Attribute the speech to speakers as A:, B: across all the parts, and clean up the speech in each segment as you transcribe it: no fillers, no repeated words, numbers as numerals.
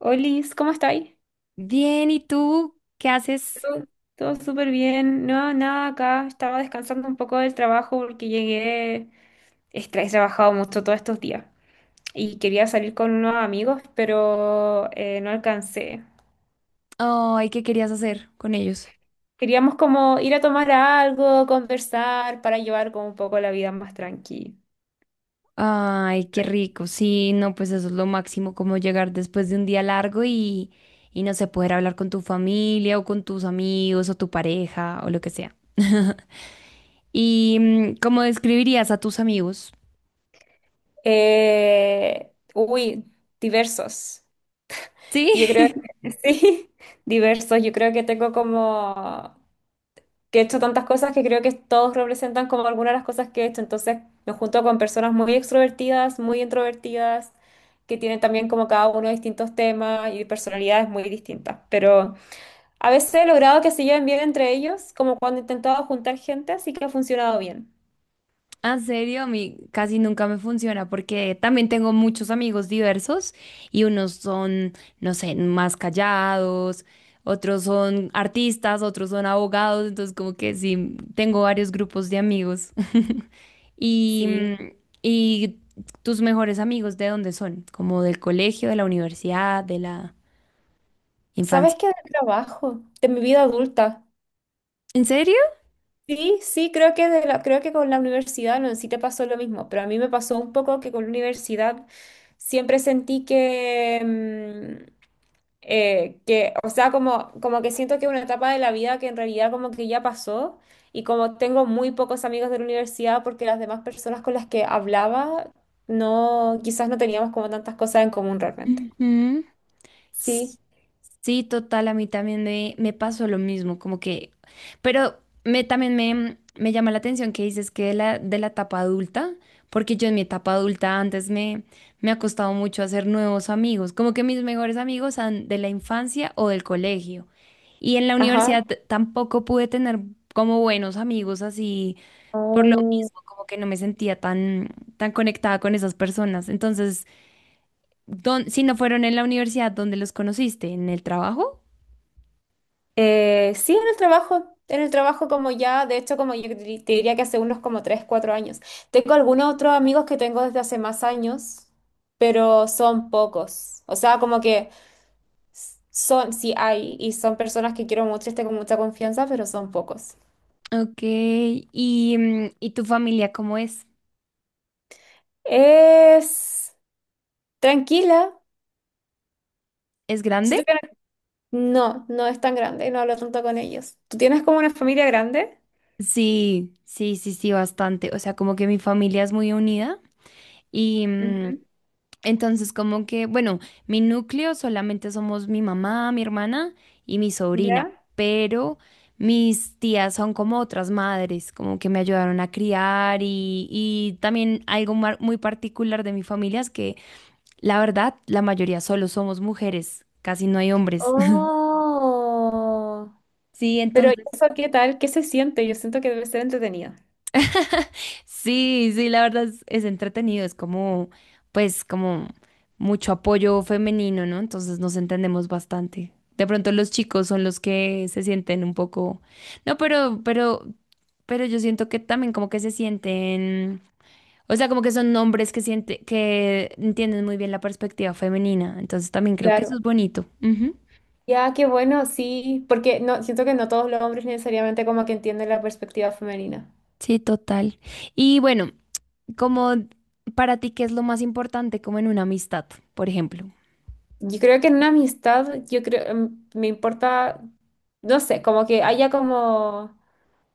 A: Olis, ¿cómo estáis?
B: Bien, ¿y tú qué haces?
A: Pero, todo súper bien. No, nada, acá estaba descansando un poco del trabajo porque llegué, he trabajado mucho todos estos días y quería salir con unos amigos, pero no alcancé.
B: Ay, ¿qué querías hacer con ellos?
A: Queríamos como ir a tomar algo, conversar para llevar como un poco la vida más tranquila.
B: Ay, qué rico. Sí, no, pues eso es lo máximo, como llegar después de un día largo y no sé, poder hablar con tu familia o con tus amigos o tu pareja o lo que sea. ¿Y cómo describirías a tus amigos?
A: Eh, uy, Diversos.
B: Sí.
A: Yo creo que sí, diversos. Yo creo que tengo como que he hecho tantas cosas que creo que todos representan como algunas de las cosas que he hecho. Entonces me junto con personas muy extrovertidas, muy introvertidas, que tienen también como cada uno distintos temas y personalidades muy distintas. Pero a veces he logrado que se lleven bien entre ellos, como cuando he intentado juntar gente, así que ha funcionado bien.
B: Ah, en serio, a mí casi nunca me funciona porque también tengo muchos amigos diversos y unos son, no sé, más callados, otros son artistas, otros son abogados, entonces como que sí, tengo varios grupos de amigos. Y,
A: Sí.
B: mm, ¿Y tus mejores amigos de dónde son? ¿Como del colegio, de la universidad, de la
A: ¿Sabes
B: infancia?
A: qué? Del trabajo, de mi vida adulta.
B: ¿En serio?
A: Sí, sí, creo que, creo que con la universidad no, sí te pasó lo mismo, pero a mí me pasó un poco que con la universidad siempre sentí que, que o sea, como, como que siento que es una etapa de la vida que en realidad como que ya pasó y como tengo muy pocos amigos de la universidad porque las demás personas con las que hablaba no, quizás no teníamos como tantas cosas en común realmente.
B: Ujú. S-
A: Sí,
B: Sí, total, a mí también me pasó lo mismo, como que, pero también me llama la atención que dices que de de la etapa adulta, porque yo en mi etapa adulta antes me ha costado mucho hacer nuevos amigos, como que mis mejores amigos son de la infancia o del colegio. Y en la universidad
A: ajá.
B: tampoco pude tener como buenos amigos así, por lo mismo, como que no me sentía tan, tan conectada con esas personas. Entonces, si no fueron en la universidad, ¿dónde los conociste? ¿En el trabajo?
A: Sí, en el trabajo como ya, de hecho como yo te diría que hace unos como 3 4 años. Tengo algunos otros amigos que tengo desde hace más años, pero son pocos. O sea, como que son, sí hay, y son personas que quiero mucho y tengo mucha confianza, pero son pocos.
B: Ok, ¿y tu familia cómo es?
A: Es tranquila.
B: ¿Es
A: Siento
B: grande?
A: que no es tan grande y no hablo tanto con ellos. ¿Tú tienes como una familia grande?
B: Sí, sí, sí, sí, bastante. O sea, como que mi familia es muy unida y
A: Ujú.
B: entonces como que, bueno, mi núcleo solamente somos mi mamá, mi hermana y mi sobrina,
A: ¿Ya?
B: pero mis tías son como otras madres, como que me ayudaron a criar y también algo muy particular de mi familia es que la verdad, la mayoría solo somos mujeres, casi no hay hombres.
A: Oh.
B: Sí,
A: Pero
B: entonces,
A: eso, ¿qué tal? ¿Qué se siente? Yo siento que debe ser entretenido.
B: sí, sí, la verdad es entretenido, es como, pues, como mucho apoyo femenino, ¿no? Entonces nos entendemos bastante. De pronto los chicos son los que se sienten un poco, no, pero yo siento que también como que se sienten, o sea, como que son hombres que siente, que entienden muy bien la perspectiva femenina. Entonces también creo que
A: Claro.
B: eso es bonito. Ujú.
A: Ya, qué bueno, sí, porque no, siento que no todos los hombres necesariamente como que entienden la perspectiva femenina.
B: Sí, total. Y bueno, como para ti, ¿qué es lo más importante como en una amistad, por ejemplo?
A: Yo creo que en una amistad, yo creo, me importa, no sé, como que haya como...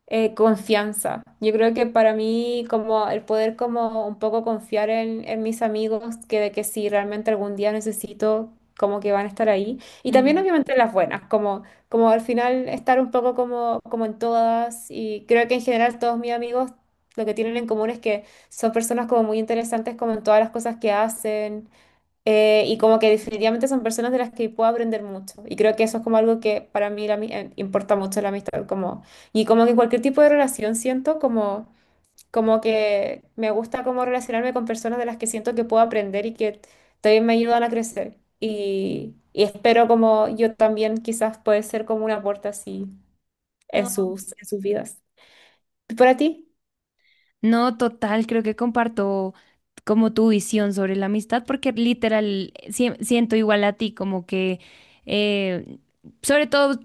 A: confianza. Yo creo que para mí como el poder como un poco confiar en mis amigos, que de que si realmente algún día necesito, como que van a estar ahí. Y también
B: Mm.
A: obviamente las buenas, como, como al final estar un poco como, como en todas. Y creo que en general todos mis amigos lo que tienen en común es que son personas como muy interesantes como en todas las cosas que hacen. Y como que definitivamente son personas de las que puedo aprender mucho. Y creo que eso es como algo que para mí la importa mucho la amistad. Como, y como que en cualquier tipo de relación siento como, como que me gusta como relacionarme con personas de las que siento que puedo aprender y que también me ayudan a crecer. Y espero como yo también quizás puede ser como un aporte así
B: No,
A: en sus vidas. ¿Y para ti?
B: No, total, creo que comparto como tu visión sobre la amistad, porque literal siento igual a ti, como que, eh, sobre todo,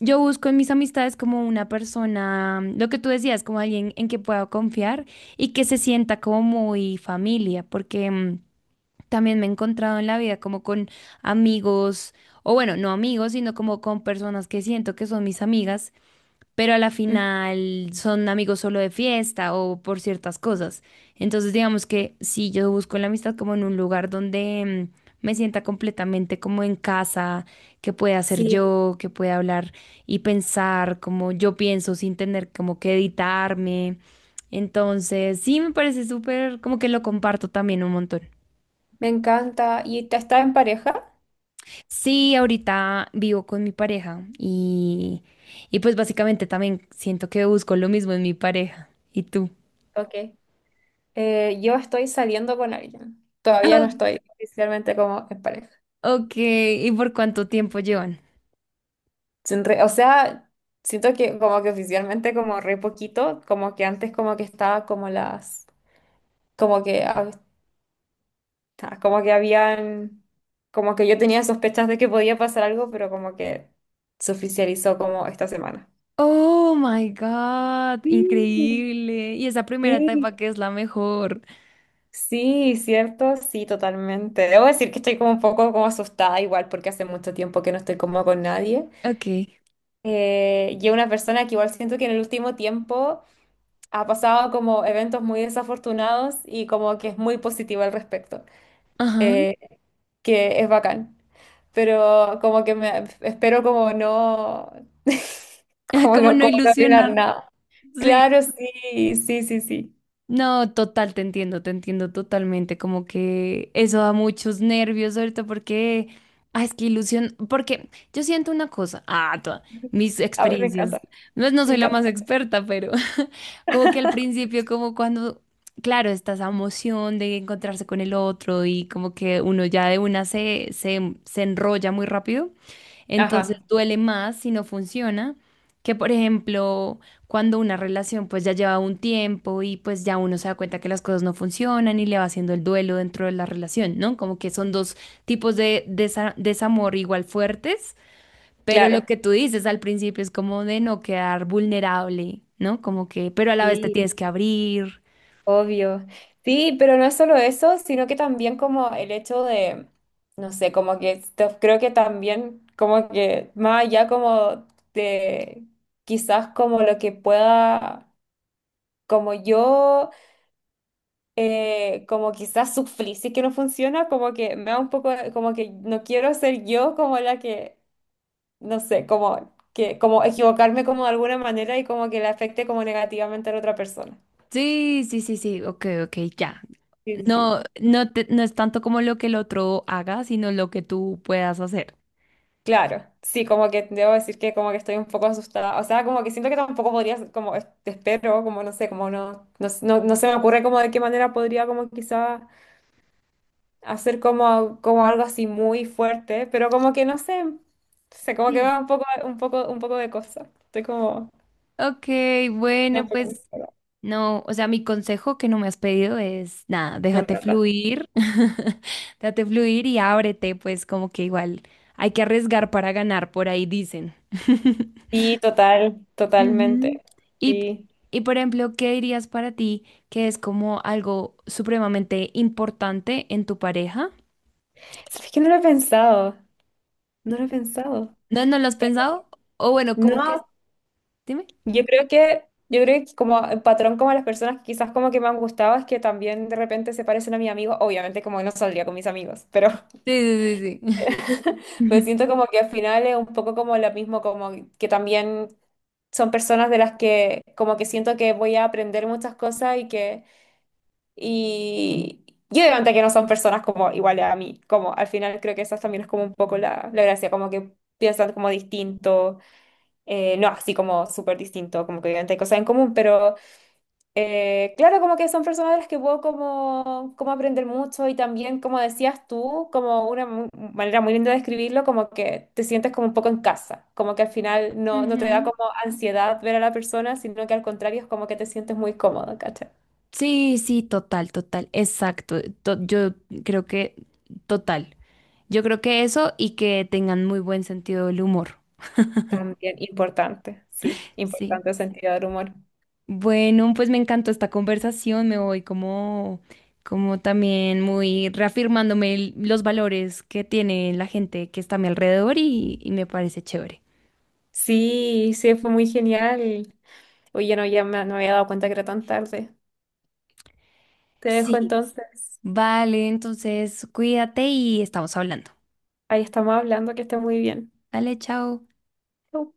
B: yo busco en mis amistades como una persona, lo que tú decías, como alguien en que pueda confiar y que se sienta como muy familia, porque... también me he encontrado en la vida como con amigos, o bueno, no amigos, sino como con personas que siento que son mis amigas, pero a la
A: Ujú.
B: final son amigos solo de fiesta o por ciertas cosas. Entonces, digamos que si yo busco la amistad como en un lugar donde me sienta completamente como en casa, que pueda hacer
A: Sí,
B: yo, que pueda hablar y pensar como yo pienso sin tener como que editarme. Entonces, sí me parece súper, como que lo comparto también un montón.
A: me encanta. ¿Y te estás en pareja?
B: Sí, ahorita vivo con mi pareja y pues básicamente también siento que busco lo mismo en mi pareja. ¿Y tú?
A: Ok. Yo estoy saliendo con alguien. Todavía
B: Oh,
A: no estoy oficialmente como en pareja.
B: ok, ¿y por cuánto tiempo llevan?
A: Sin re- O sea, siento que como que oficialmente como re poquito, como que antes como que estaba como las, como que, como que habían, como que yo tenía sospechas de que podía pasar algo, pero como que se oficializó como esta semana.
B: Oh my God,
A: Sí,
B: increíble. Y esa primera
A: sí,
B: etapa que es la mejor.
A: sí, cierto, sí, totalmente. Debo decir que estoy como un poco como asustada igual porque hace mucho tiempo que no estoy como con nadie.
B: Ok,
A: Yo una persona que igual siento que en el último tiempo ha pasado como eventos muy desafortunados y como que es muy positiva al respecto,
B: ajá.
A: eh, que es bacán, pero como que me espero como no,
B: Como no
A: como no arruinar
B: ilusionar.
A: nada.
B: Sí.
A: Claro, sí, sí, sí, sí.
B: No, total, te entiendo totalmente, como que eso da muchos nervios ahorita porque, ah, es que ilusión, porque yo siento una cosa, ah, toda, mis
A: A ver, me
B: experiencias,
A: encanta,
B: no
A: me
B: soy la
A: encanta.
B: más experta, pero como que al principio, como cuando, claro, está esa emoción de encontrarse con el otro y como que uno ya de una se enrolla muy rápido, entonces
A: Ajá,
B: duele más si no funciona. Que por ejemplo, cuando una relación pues ya lleva un tiempo y pues ya uno se da cuenta que las cosas no funcionan y le va haciendo el duelo dentro de la relación, ¿no? Como que son dos tipos de desamor igual fuertes pero lo
A: claro.
B: que tú dices al principio es como de no quedar vulnerable, ¿no? Como que, pero a la vez te
A: Sí,
B: tienes que abrir.
A: obvio. Sí, pero no es solo eso, sino que también como el hecho de, no sé, como que creo que también como que más allá como de quizás como lo que pueda, como yo, como quizás sufrí, si es que no funciona, como que me da un poco, como que no quiero ser yo como la que, no sé, como que, como equivocarme como de alguna manera y como que le afecte como negativamente a la otra persona.
B: Sí, sí, sí, sí, ok, ok, ya.
A: Sí, sí. Sí.
B: No es tanto como lo que el otro haga, sino lo que tú puedas hacer.
A: Claro, sí, como que debo decir que como que estoy un poco asustada, o sea, como que siento que tampoco podría, como te espero, como no sé, como no, no, no, no se me ocurre como de qué manera podría como quizá hacer como, como algo así muy fuerte, pero como que no sé, no sé, como que me
B: Sí.
A: da un poco, un poco, un poco de cosa, estoy como,
B: Ok,
A: un
B: bueno,
A: poco-
B: pues no, o sea, mi consejo que no me has pedido es nada,
A: me
B: déjate
A: encanta.
B: fluir, déjate fluir y ábrete, pues como que igual hay que arriesgar para ganar, por ahí dicen.
A: Sí, total,
B: Ujú.
A: totalmente,
B: Y,
A: sí.
B: y por ejemplo, ¿qué dirías para ti que es como algo supremamente importante en tu pareja?
A: ¿Sabes que no lo he pensado? No lo he pensado.
B: ¿No, no lo has
A: Eh,
B: pensado? O bueno, como que,
A: No,
B: dime.
A: yo creo que, yo creo que como el patrón como las personas que quizás como que me han gustado es que también de repente se parecen a mis amigos, obviamente como no saldría con mis amigos, pero,
B: Sí, sí, sí, sí.
A: pero
B: Ujú.
A: siento como que al final es un poco como lo mismo, como que también son personas de las que como que siento que voy a aprender muchas cosas y que, y, y obviamente que no son personas como iguales a mí, como al final creo que esa también es como un poco la, la gracia, como que piensan como distinto, no así como súper distinto, como que obviamente hay cosas en común, pero claro, como que son personas de las que puedo como, como aprender mucho y también, como decías tú, como una manera muy linda de describirlo, como que te sientes como un poco en casa, como que al final no, no te da como ansiedad ver a la persona, sino que al contrario es como que te sientes muy cómodo, ¿cachai?
B: Sí, sí, total, total, exacto. Yo creo que, total. Yo creo que eso y que tengan muy buen sentido del humor.
A: También importante, sí,
B: Sí.
A: importante el sentido del humor.
B: Bueno, pues me encantó esta conversación, me voy como, como también muy reafirmándome los valores que tiene la gente que está a mi alrededor y me parece chévere.
A: Sí, sí, fue muy genial. Oye, no, ya me, no me había dado cuenta que era tan tarde. Te dejo
B: Sí.
A: entonces.
B: Vale, entonces cuídate y estamos hablando.
A: Ahí estamos hablando, que esté muy bien.
B: Vale, chao.
A: Chau.